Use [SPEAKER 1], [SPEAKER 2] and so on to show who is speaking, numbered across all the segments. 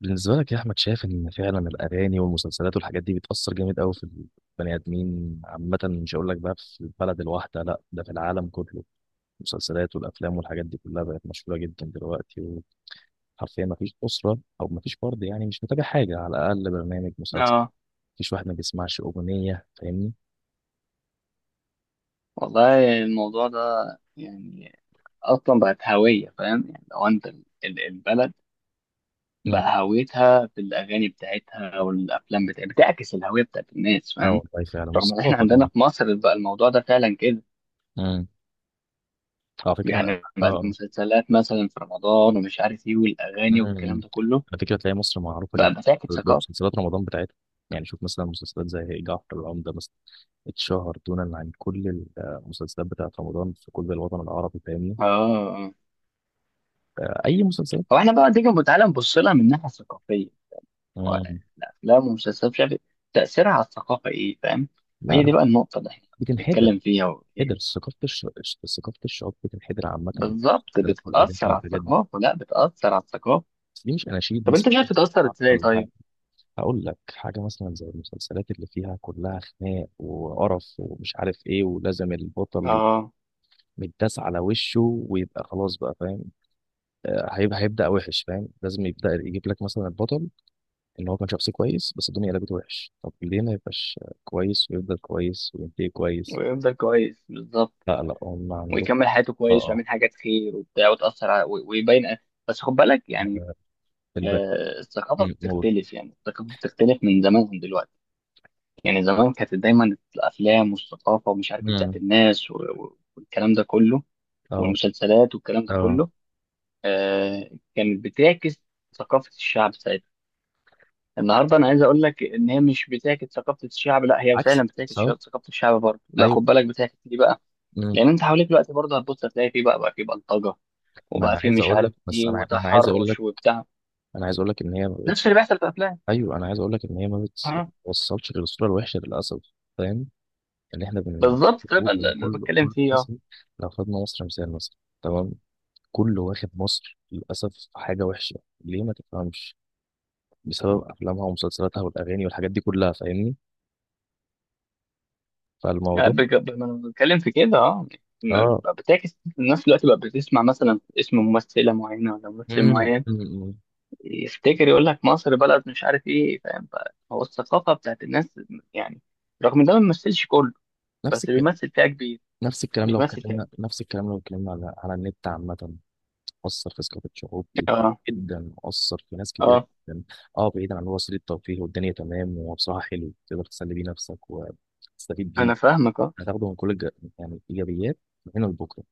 [SPEAKER 1] بالنسبة لك يا أحمد، شايف إن فعلا الأغاني والمسلسلات والحاجات دي بتأثر جامد أوي في البني آدمين عامة. مش هقول لك بقى في البلد الواحدة، لأ ده في العالم كله. المسلسلات والأفلام والحاجات دي كلها بقت مشهورة جدا دلوقتي. وحرفيا مفيش أسرة أو مفيش فرد يعني مش متابع حاجة، على الأقل برنامج مسلسل.
[SPEAKER 2] اه،
[SPEAKER 1] مفيش واحد ما بيسمعش أغنية، فاهمني؟
[SPEAKER 2] والله الموضوع ده يعني اصلا بقت هويه، فاهم؟ يعني لو انت البلد
[SPEAKER 1] مم.
[SPEAKER 2] بقى هويتها في الاغاني بتاعتها والافلام بتاعتها بتعكس الهويه بتاعت الناس،
[SPEAKER 1] أه
[SPEAKER 2] فاهم؟
[SPEAKER 1] والله فعلا،
[SPEAKER 2] رغم ان احنا
[SPEAKER 1] والثقافة
[SPEAKER 2] عندنا
[SPEAKER 1] كمان.
[SPEAKER 2] في مصر بقى الموضوع ده فعلا كده.
[SPEAKER 1] مم. على فكرة.
[SPEAKER 2] يعني بقت
[SPEAKER 1] أه.
[SPEAKER 2] المسلسلات مثلا في رمضان ومش عارف ايه والاغاني والكلام
[SPEAKER 1] مم.
[SPEAKER 2] ده كله
[SPEAKER 1] على فكرة تلاقي مصر معروفة جدا
[SPEAKER 2] بقى بتعكس ثقافه.
[SPEAKER 1] بمسلسلات رمضان بتاعتها. يعني شوف مثلا مسلسلات زي جعفر العمدة مثلا، اتشهر دونا عن كل المسلسلات بتاعت رمضان في كل الوطن العربي، فاهمني؟
[SPEAKER 2] اه. آه.
[SPEAKER 1] أي مسلسلات.
[SPEAKER 2] هو احنا بقى تيجي تعالى نبص لها من الناحيه الثقافيه. هو
[SPEAKER 1] مم.
[SPEAKER 2] الأفلام والمسلسلات مش عارف إيه، تأثيرها على الثقافة إيه، فاهم؟
[SPEAKER 1] لا
[SPEAKER 2] هي دي
[SPEAKER 1] لا،
[SPEAKER 2] بقى النقطة اللي إحنا
[SPEAKER 1] بتنحدر.
[SPEAKER 2] بنتكلم فيها إيه.
[SPEAKER 1] هدر ثقافة ثقافة الشعوب بتنحدر عامة في
[SPEAKER 2] بالظبط
[SPEAKER 1] المسلسلات والأغاني
[SPEAKER 2] بتتأثر على
[SPEAKER 1] والحاجات دي.
[SPEAKER 2] الثقافة، لا بتأثر على الثقافة.
[SPEAKER 1] بس دي مش أناشيد
[SPEAKER 2] طب
[SPEAKER 1] مثلا
[SPEAKER 2] أنت مش عارف تتأثر
[SPEAKER 1] بتسمعها
[SPEAKER 2] إزاي
[SPEAKER 1] ولا حاجة.
[SPEAKER 2] طيب؟
[SPEAKER 1] هقول لك حاجة، مثلا زي المسلسلات اللي فيها كلها خناق وقرف ومش عارف إيه، ولازم البطل
[SPEAKER 2] آه،
[SPEAKER 1] متداس على وشه ويبقى خلاص بقى، فاهم؟ آه، هيبقى هيبدأ وحش، فاهم؟ لازم يبدأ يجيب لك مثلا البطل ان هو كان شخص كويس بس الدنيا قلبت وحش. طب ليه ما يبقاش كويس ويفضل كويس وينتهي كويس؟
[SPEAKER 2] ويفضل كويس بالظبط.
[SPEAKER 1] لا لا، هم عندهم.
[SPEAKER 2] ويكمل حياته كويس
[SPEAKER 1] اه.
[SPEAKER 2] ويعمل حاجات خير وبتاع، وتأثر على ويبين. بس خد بالك يعني.
[SPEAKER 1] اه في الباقي.
[SPEAKER 2] آه، الثقافة
[SPEAKER 1] موت.
[SPEAKER 2] بتختلف، يعني الثقافة بتختلف من زمان عن دلوقتي. يعني زمان كانت دايما الأفلام والثقافة ومش عارف إيه بتاعت
[SPEAKER 1] أمم،
[SPEAKER 2] الناس والكلام ده كله،
[SPEAKER 1] اه.
[SPEAKER 2] والمسلسلات والكلام ده
[SPEAKER 1] اه،
[SPEAKER 2] كله. آه، كانت بتعكس ثقافة الشعب ساعتها. النهارده انا عايز اقول لك ان هي مش بتعكس ثقافة الشعب، لا هي فعلا
[SPEAKER 1] عكس
[SPEAKER 2] بتعكس
[SPEAKER 1] صح.
[SPEAKER 2] ثقافة الشعب برضه، لا
[SPEAKER 1] ايوه.
[SPEAKER 2] خد بالك بتعكس دي بقى.
[SPEAKER 1] أمم.
[SPEAKER 2] لان انت حواليك دلوقتي برضه هتبص هتلاقي في بقى في بلطجة،
[SPEAKER 1] ما
[SPEAKER 2] وبقى
[SPEAKER 1] انا
[SPEAKER 2] في
[SPEAKER 1] عايز
[SPEAKER 2] مش
[SPEAKER 1] اقول لك
[SPEAKER 2] عارف
[SPEAKER 1] بس
[SPEAKER 2] ايه
[SPEAKER 1] انا ما انا عايز اقول لك.
[SPEAKER 2] وتحرش وبتاع.
[SPEAKER 1] انا عايز اقول لك ان هي ما
[SPEAKER 2] نفس
[SPEAKER 1] بقتش.
[SPEAKER 2] اللي بيحصل في الافلام.
[SPEAKER 1] ايوه انا عايز اقول لك ان هي ما
[SPEAKER 2] اه.
[SPEAKER 1] بتوصلش للصوره الوحشه للاسف، فاهم؟ اللي احنا
[SPEAKER 2] بالظبط ده
[SPEAKER 1] بنشوفه
[SPEAKER 2] بقى اللي
[SPEAKER 1] يعني
[SPEAKER 2] اللي
[SPEAKER 1] كل
[SPEAKER 2] بتكلم
[SPEAKER 1] كل
[SPEAKER 2] فيه. اه.
[SPEAKER 1] مصري، لو خدنا مصر مثال مثلا، تمام. كله واخد مصر للأسف في حاجة وحشة، ليه ما تفهمش؟ بسبب أفلامها ومسلسلاتها والأغاني والحاجات دي كلها، فاهمني؟
[SPEAKER 2] آه،
[SPEAKER 1] فالموضوع
[SPEAKER 2] ما أنا بتكلم في كده. اه.
[SPEAKER 1] اه.
[SPEAKER 2] بقى بتعكس الناس دلوقتي، بقى بتسمع مثلا اسم ممثلة معينة ولا ممثل
[SPEAKER 1] مم.
[SPEAKER 2] معين
[SPEAKER 1] مم.
[SPEAKER 2] يفتكر يقول لك مصر بلد مش عارف ايه، فاهم؟ هو الثقافه بتاعت الناس يعني. رغم ده ما بيمثلش كله،
[SPEAKER 1] نفس
[SPEAKER 2] بس
[SPEAKER 1] الكلام.
[SPEAKER 2] بيمثل فئه كبير. بيمثل فئه كبير.
[SPEAKER 1] نفس الكلام لو اتكلمنا على النت عامة. مؤثر في ثقافة شعوب كتير،
[SPEAKER 2] اه.
[SPEAKER 1] جدا مؤثر في ناس كتير
[SPEAKER 2] اه،
[SPEAKER 1] جدا. اه بعيدا عن هو وسيلة ترفيه والدنيا تمام، وهو بصراحة حلو تقدر تسلي بيه نفسك وتستفيد بيه.
[SPEAKER 2] انا فاهمك اه.
[SPEAKER 1] هتاخده من كل الج... يعني إيجابيات من هنا لبكرة،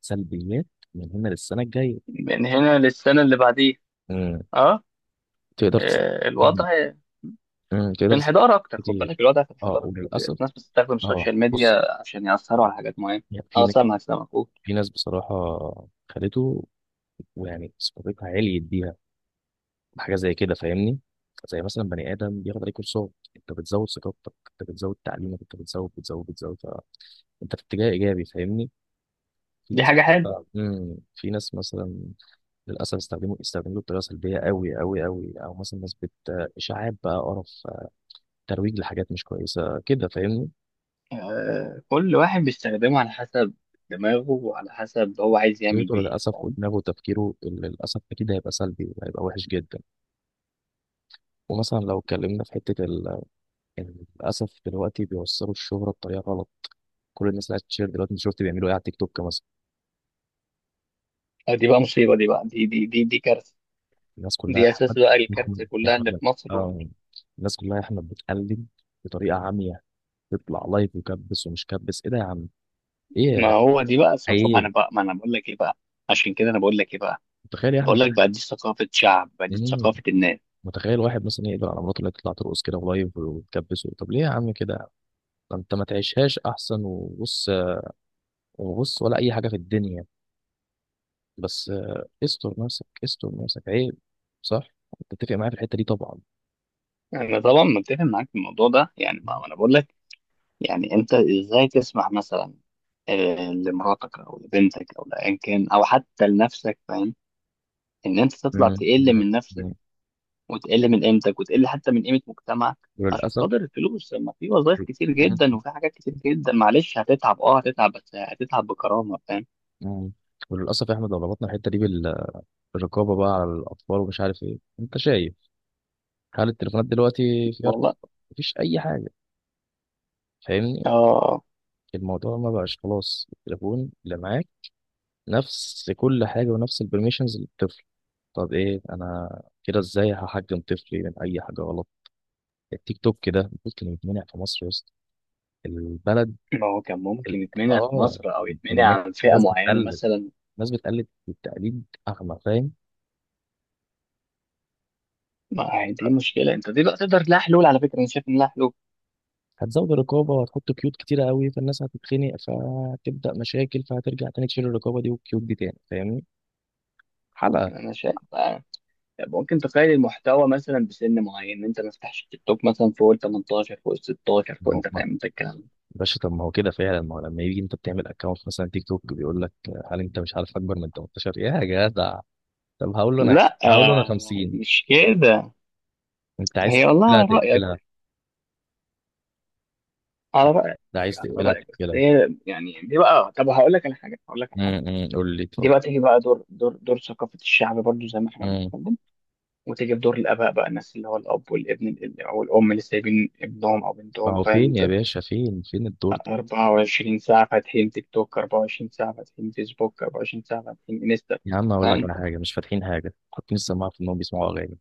[SPEAKER 1] سلبيات من هنا للسنة الجاية.
[SPEAKER 2] من هنا للسنه اللي بعديه.
[SPEAKER 1] مم.
[SPEAKER 2] اه.
[SPEAKER 1] تقدر تست...
[SPEAKER 2] آه،
[SPEAKER 1] مم.
[SPEAKER 2] الوضع
[SPEAKER 1] مم. تقدر
[SPEAKER 2] في
[SPEAKER 1] تست...
[SPEAKER 2] انحدار اكتر، خد بالك،
[SPEAKER 1] كتير،
[SPEAKER 2] الوضع في
[SPEAKER 1] اه
[SPEAKER 2] انحدار اكتر.
[SPEAKER 1] وللأسف.
[SPEAKER 2] الناس بتستخدم
[SPEAKER 1] اه
[SPEAKER 2] السوشيال
[SPEAKER 1] بص.
[SPEAKER 2] ميديا عشان ياثروا
[SPEAKER 1] آه،
[SPEAKER 2] على حاجات معينه.
[SPEAKER 1] يعني في
[SPEAKER 2] اه،
[SPEAKER 1] ن-
[SPEAKER 2] سامعك سامعك، قول.
[SPEAKER 1] في ناس بصراحة خدته ويعني ثقافتها عليت بيها، حاجه زي كده، فاهمني؟ زي مثلا بني ادم بياخد عليه كورسات، انت بتزود ثقافتك، انت بتزود تعليمك، انت بتزود بتزود بتزود انت في اتجاه ايجابي، فاهمني؟ في
[SPEAKER 2] دي
[SPEAKER 1] ناس،
[SPEAKER 2] حاجه حلوه.
[SPEAKER 1] في ناس مثلا للاسف استخدموا بطريقه سلبيه قوي قوي قوي، او مثلا ناس بت اشاعات بقى، قرف، ترويج لحاجات مش كويسه كده، فاهمني؟
[SPEAKER 2] آه، كل واحد بيستخدمه على حسب دماغه، وعلى حسب هو عايز يعمل
[SPEAKER 1] طريقته
[SPEAKER 2] بيه ايه،
[SPEAKER 1] للاسف
[SPEAKER 2] فاهم؟
[SPEAKER 1] ودماغه وتفكيره اللي للاسف اكيد هيبقى سلبي وهيبقى وحش جدا. ومثلا لو اتكلمنا في حته للاسف دلوقتي بيوصلوا الشهره بطريقه غلط، كل الناس قاعده تشير دلوقتي. انت شفت بيعملوا ايه على التيك توك مثلا؟
[SPEAKER 2] آه، دي بقى مصيبة، دي بقى دي كارثة.
[SPEAKER 1] الناس كلها يا
[SPEAKER 2] دي أساس
[SPEAKER 1] احمد،
[SPEAKER 2] بقى
[SPEAKER 1] يا
[SPEAKER 2] الكارثة
[SPEAKER 1] احمد، يا
[SPEAKER 2] كلها اللي
[SPEAKER 1] احمد،
[SPEAKER 2] في مصر
[SPEAKER 1] اه الناس كلها يا احمد بتقلد بطريقه عاميه، تطلع لايف وكبس ومش كبس، ايه ده يا عم؟ ايه يا
[SPEAKER 2] ما
[SPEAKER 1] جدع؟
[SPEAKER 2] هو دي بقى ثقافة،
[SPEAKER 1] عيب.
[SPEAKER 2] ما أنا بقول لك إيه بقى. عشان كده أنا بقول لك إيه بقى.
[SPEAKER 1] متخيل يا احمد؟
[SPEAKER 2] بقول لك بقى دي ثقافة شعب بقى، دي
[SPEAKER 1] مم.
[SPEAKER 2] ثقافة الناس.
[SPEAKER 1] متخيل واحد مثلا يقدر على مراته اللي هي تطلع ترقص كده ولايف وتكبس؟ طب ليه يا عم كده؟ ده انت ما تعيشهاش احسن؟ وبص وبص ولا اي حاجه في الدنيا. بس آه، استر نفسك، استر نفسك، عيب. صح، تتفق معايا في الحته دي طبعا.
[SPEAKER 2] أنا طبعا متفق معاك في الموضوع ده يعني، ما
[SPEAKER 1] مم.
[SPEAKER 2] ما أنا بقول لك. يعني أنت إزاي تسمح مثلا، لمراتك أو لبنتك أو لأيا كان أو حتى لنفسك، فاهم؟ إن أنت تطلع
[SPEAKER 1] مم.
[SPEAKER 2] تقل من نفسك،
[SPEAKER 1] مم.
[SPEAKER 2] وتقل من قيمتك، وتقل حتى من قيمة مجتمعك عشان
[SPEAKER 1] وللاسف.
[SPEAKER 2] خاطر الفلوس، لما في وظائف كتير
[SPEAKER 1] مم.
[SPEAKER 2] جدا وفي حاجات كتير جدا. معلش هتتعب، اه، هتتعب بس هتتعب بكرامة، فاهم؟
[SPEAKER 1] مم. وللاسف يا احمد، لو ربطنا الحته دي بالرقابه بقى على الاطفال ومش عارف ايه، انت شايف هل التليفونات دلوقتي فيها
[SPEAKER 2] والله.
[SPEAKER 1] رقابه؟ مفيش اي حاجه، فاهمني؟
[SPEAKER 2] اه.
[SPEAKER 1] الموضوع ما بقاش خلاص، التليفون اللي معاك نفس كل حاجه ونفس البرميشنز للطفل. طب ايه انا كده؟ ازاي هحجم طفلي من اي حاجه غلط؟ التيك توك ده ممكن يتمنع في مصر يا اسطى؟ البلد
[SPEAKER 2] ما هو كان
[SPEAKER 1] ال-
[SPEAKER 2] ممكن يتمنع في
[SPEAKER 1] اه،
[SPEAKER 2] مصر او
[SPEAKER 1] الناس،
[SPEAKER 2] يتمنع عن فئة
[SPEAKER 1] الناس
[SPEAKER 2] معينة
[SPEAKER 1] بتقلد،
[SPEAKER 2] مثلا.
[SPEAKER 1] الناس بتقلد، التقليد اغمى، فاهم؟
[SPEAKER 2] ما هي دي مشكلة انت، دي بقى تقدر لها حلول، على فكرة انا شايف ان لها حلول.
[SPEAKER 1] هتزود الرقابه وهتحط قيود كتيره قوي، فالناس هتتخنق فهتبدا مشاكل فهترجع تاني تشيل الرقابه دي والقيود دي تاني، فاهمني؟ حلقه.
[SPEAKER 2] انا شايف ممكن تقيد المحتوى مثلا بسن معين، إن انت ما تفتحش تيك توك مثلا فوق ال 18، فوق ال 16،
[SPEAKER 1] ما
[SPEAKER 2] فوق،
[SPEAKER 1] هو
[SPEAKER 2] انت
[SPEAKER 1] ما-
[SPEAKER 2] فاهم انت الكلام ده.
[SPEAKER 1] باشا، طب ما هو كده فعلا. ما هو لما يجي انت بتعمل اكونت مثلا تيك توك بيقول لك هل انت مش عارف اكبر من 18 يا جدع. طب هقول له انا عايز،
[SPEAKER 2] لا،
[SPEAKER 1] هقول له انا 50.
[SPEAKER 2] مش كده.
[SPEAKER 1] انت عايز
[SPEAKER 2] هي والله
[SPEAKER 1] تقفلها
[SPEAKER 2] على رأيك،
[SPEAKER 1] تقفلها،
[SPEAKER 2] على رأيك،
[SPEAKER 1] ده عايز
[SPEAKER 2] على
[SPEAKER 1] تقفلها
[SPEAKER 2] رأيك، بس
[SPEAKER 1] تقفلها.
[SPEAKER 2] هي يعني دي بقى. طب هقول لك على حاجة.
[SPEAKER 1] قول لي
[SPEAKER 2] دي
[SPEAKER 1] طب.
[SPEAKER 2] بقى تيجي بقى دور ثقافة الشعب برضو، زي ما احنا
[SPEAKER 1] امم.
[SPEAKER 2] بنتكلم. وتيجي بدور الآباء بقى، الناس اللي هو الأب والابن أو الأم اللي سايبين ابنهم أو
[SPEAKER 1] ما
[SPEAKER 2] بنتهم،
[SPEAKER 1] هو
[SPEAKER 2] فاهم
[SPEAKER 1] فين يا
[SPEAKER 2] أنت؟
[SPEAKER 1] باشا، فين الدور ده؟
[SPEAKER 2] 24 ساعة فاتحين تيك توك، 24 ساعة فاتحين فيسبوك، 24 ساعة فاتحين انستا.
[SPEAKER 1] يا عم اقول
[SPEAKER 2] فاهم
[SPEAKER 1] لك على
[SPEAKER 2] أنت؟
[SPEAKER 1] حاجه، مش فاتحين حاجه، حاطين السماعه في انهم بيسمعوا اغاني.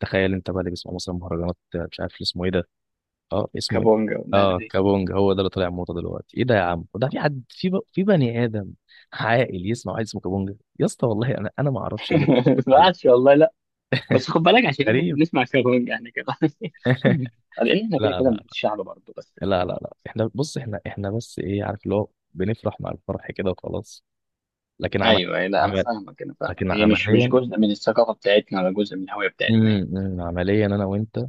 [SPEAKER 1] تخيل انت بقى اللي بيسمع مثلا مهرجانات مش عارف اسمه ايه ده، اه اسمه ايه،
[SPEAKER 2] كابونجا والناس
[SPEAKER 1] اه
[SPEAKER 2] دي.
[SPEAKER 1] كابونج، هو ده اللي طالع موضه دلوقتي؟ ايه ده يا عم؟ وده في حد، في بني ادم عاقل يسمع واحد اسمه كابونج يا اسطى؟ والله انا ما اعرفش الناس
[SPEAKER 2] ما
[SPEAKER 1] بتفكر ازاي.
[SPEAKER 2] عادش والله لا. بس خد بالك، عشان احنا
[SPEAKER 1] غريب.
[SPEAKER 2] بنسمع كابونجا احنا كده. لأن احنا كده
[SPEAKER 1] لا
[SPEAKER 2] كده من
[SPEAKER 1] لا،
[SPEAKER 2] الشعب برضه، بس.
[SPEAKER 1] لا، احنا بص، احنا بس ايه، عارف اللي هو، بنفرح مع الفرح كده وخلاص. لكن عمل،
[SPEAKER 2] ايوه، أيوة، لا انا
[SPEAKER 1] عمل
[SPEAKER 2] فاهمك انا فاهمك،
[SPEAKER 1] لكن
[SPEAKER 2] هي مش
[SPEAKER 1] عمليا،
[SPEAKER 2] جزء من الثقافه بتاعتنا ولا جزء من الهويه بتاعتنا يعني.
[SPEAKER 1] عمليا انا وانت،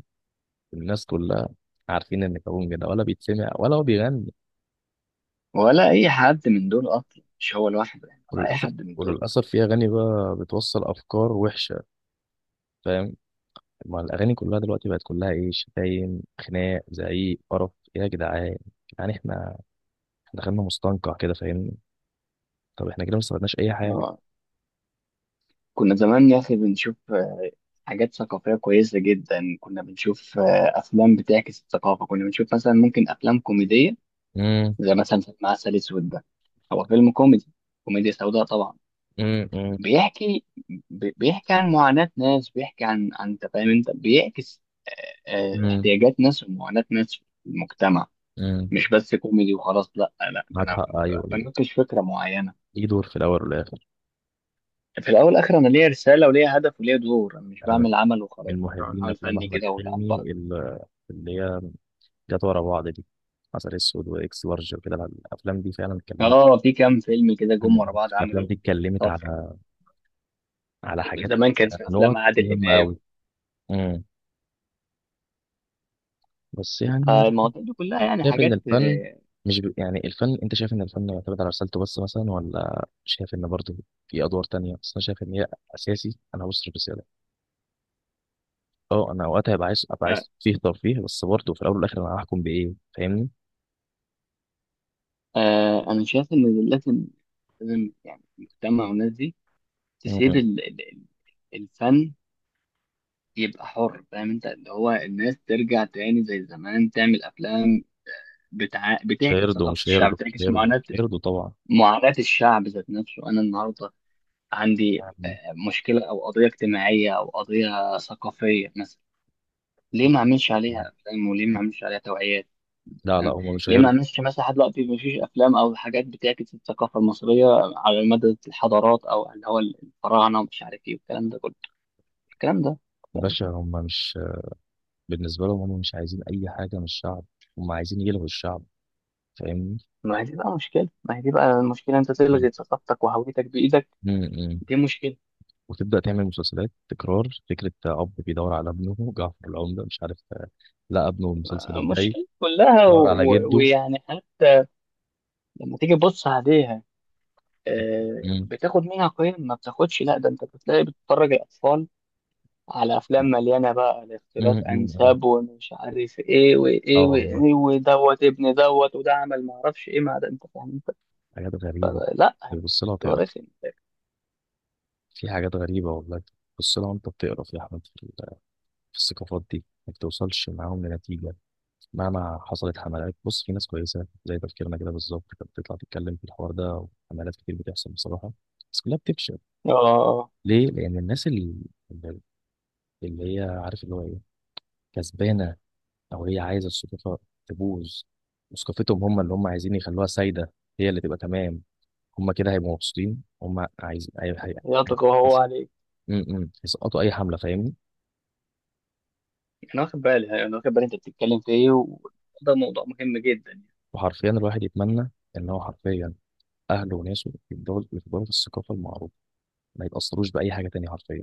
[SPEAKER 1] الناس كلها عارفين ان كابونج ده ولا بيتسمع ولا هو بيغني.
[SPEAKER 2] ولا اي حد من دول اصلا، مش هو لوحده يعني، ولا اي
[SPEAKER 1] وللأسف.
[SPEAKER 2] حد من دول.
[SPEAKER 1] وللأسف في أغاني بقى بتوصل أفكار وحشة، فاهم؟ ما الأغاني كلها دلوقتي بقت كلها إيه، شتايم، خناق، زعيق، قرف. إيه يا جدعان؟ يعني إحنا، إحنا دخلنا مستنقع كده، فاهمني؟ طب إحنا كده ما استفدناش أي حاجة.
[SPEAKER 2] آه، كنا زمان يا اخي بنشوف حاجات ثقافيه كويسه جدا، كنا بنشوف افلام بتعكس الثقافه، كنا بنشوف مثلا ممكن افلام كوميديه،
[SPEAKER 1] امم
[SPEAKER 2] زي مثلا فيلم عسل اسود ده. هو فيلم كوميدي، كوميديا سوداء طبعا.
[SPEAKER 1] امم
[SPEAKER 2] بيحكي، بيحكي عن معاناة ناس، بيحكي عن، انت فاهم انت بيعكس. آه،
[SPEAKER 1] امم
[SPEAKER 2] احتياجات ناس ومعاناة ناس في المجتمع،
[SPEAKER 1] امم،
[SPEAKER 2] مش بس كوميدي وخلاص، لا لا، ده
[SPEAKER 1] معاك
[SPEAKER 2] انا
[SPEAKER 1] حق. أيوه ليه؟
[SPEAKER 2] بناقش فكرة معينة.
[SPEAKER 1] ليه دور في الأول والآخر.
[SPEAKER 2] في الاول والاخر انا ليا رسالة وليا هدف وليا دور، انا مش
[SPEAKER 1] أنا من،
[SPEAKER 2] بعمل عمل وخلاص،
[SPEAKER 1] من
[SPEAKER 2] مش بعمل
[SPEAKER 1] محبين
[SPEAKER 2] عمل
[SPEAKER 1] أفلام
[SPEAKER 2] فني
[SPEAKER 1] أحمد
[SPEAKER 2] كده ولا على
[SPEAKER 1] حلمي
[SPEAKER 2] البركة.
[SPEAKER 1] اللي هي جت ورا بعض دي، عسل أسود وإكس لارج وكده. الأفلام دي فعلا اتكلمت،
[SPEAKER 2] اه، في كام فيلم كده جم ورا بعض
[SPEAKER 1] الأفلام
[SPEAKER 2] عملوا
[SPEAKER 1] دي اتكلمت
[SPEAKER 2] طفرة.
[SPEAKER 1] على، حاجات،
[SPEAKER 2] زمان كانت في افلام
[SPEAKER 1] نقط
[SPEAKER 2] عادل
[SPEAKER 1] مهمة
[SPEAKER 2] امام،
[SPEAKER 1] أوي. امم. بس يعني
[SPEAKER 2] فالمواضيع دي كلها يعني
[SPEAKER 1] شايف إن
[SPEAKER 2] حاجات.
[SPEAKER 1] الفن، مش ب... يعني الفن، أنت شايف إن الفن يعتمد على رسالته بس مثلا، ولا شايف إن برضه في أدوار تانية؟ بس أنا شايف إن هي أساسي، أنا هبص الرسالة. أه أنا وقتها هبقى عايز، أبقى
[SPEAKER 2] آه،
[SPEAKER 1] عايز فيه ترفيه، بس برضه في الأول والآخر أنا هحكم بإيه؟ فاهمني؟
[SPEAKER 2] انا شايف ان لازم، لازم يعني المجتمع والناس دي تسيب
[SPEAKER 1] مم.
[SPEAKER 2] الفن يبقى حر، فاهم انت؟ اللي هو الناس ترجع تاني زي زمان، تعمل افلام بتعكس ثقافة الشعب، بتعكس معاناة،
[SPEAKER 1] مش هيرضوا طبعا.
[SPEAKER 2] معاناة الشعب ذات نفسه. انا النهارده عندي
[SPEAKER 1] يعني.
[SPEAKER 2] مشكلة او قضية اجتماعية او قضية ثقافية مثلا، ليه ما اعملش عليها افلام، وليه ما اعملش عليها توعيات،
[SPEAKER 1] لا لا،
[SPEAKER 2] فاهم؟
[SPEAKER 1] هم مش
[SPEAKER 2] ليه ما
[SPEAKER 1] هيرضوا.
[SPEAKER 2] اعملش مثلا لحد دلوقتي، ما فيش افلام او حاجات بتعكس الثقافة المصرية على مدى الحضارات، او اللي هو الفراعنة ومش عارف ايه والكلام ده كله، الكلام ده.
[SPEAKER 1] باشا هم مش، بالنسبة لهم هم مش عايزين أي حاجة من الشعب، هم عايزين يلغوا الشعب، فاهمني؟
[SPEAKER 2] ما هي دي بقى مشكلة ما هي دي بقى المشكلة، انت تلغي ثقافتك وهويتك بإيدك.
[SPEAKER 1] امم.
[SPEAKER 2] دي مشكلة،
[SPEAKER 1] وتبدأ تعمل مسلسلات تكرار فكرة أب بيدور على ابنه، جعفر العمدة مش عارف، لا ابنه المسلسل الجاي
[SPEAKER 2] مشكلة كلها
[SPEAKER 1] دور على جده.
[SPEAKER 2] ويعني حتى لما تيجي تبص عليها،
[SPEAKER 1] امم.
[SPEAKER 2] بتاخد منها قيم، ما بتاخدش، لا ده انت بتلاقي بتتفرج الأطفال على أفلام مليانة بقى لاختلاط
[SPEAKER 1] امم.
[SPEAKER 2] أنساب ومش عارف إيه
[SPEAKER 1] اه
[SPEAKER 2] وإيه
[SPEAKER 1] والله،
[SPEAKER 2] وإيه، ودوت ابن دوت، وده عمل ما أعرفش إيه مع ده، أنت فاهم أنت؟
[SPEAKER 1] حاجات غريبة.
[SPEAKER 2] فلا
[SPEAKER 1] تبص لها
[SPEAKER 2] ده
[SPEAKER 1] تقرا،
[SPEAKER 2] رخم.
[SPEAKER 1] في حاجات غريبة والله، تبص لها وأنت بتقرا في أحمد في في الثقافات دي ما بتوصلش معاهم لنتيجة. مهما حصلت حملات، بص في ناس كويسة زي تفكيرنا كده بالظبط كانت بتطلع تتكلم في الحوار ده، وحملات كتير بتحصل بصراحة، بس كلها بتفشل.
[SPEAKER 2] آه،
[SPEAKER 1] ليه؟ لأن الناس اللي، اللي هي عارف اللي هو ايه، كسبانه او هي عايزه السلطه تبوظ، وثقافتهم هم اللي هم عايزين يخلوها سايده، هي اللي تبقى تمام، هم كده هيبقوا مبسوطين. هم عايزين، هي... هي... هي...
[SPEAKER 2] يطغى هو عليك.
[SPEAKER 1] م- م. يسقطوا اي حمله، فاهمني؟
[SPEAKER 2] انا واخد بالي، انا واخد بالي انت بتتكلم في ايه، وده موضوع مهم جدا يعني.
[SPEAKER 1] وحرفيا الواحد يتمنى ان هو حرفيا اهله وناسه يفضلوا في الثقافه المعروفه، ما يتاثروش باي حاجه تانية، حرفيا.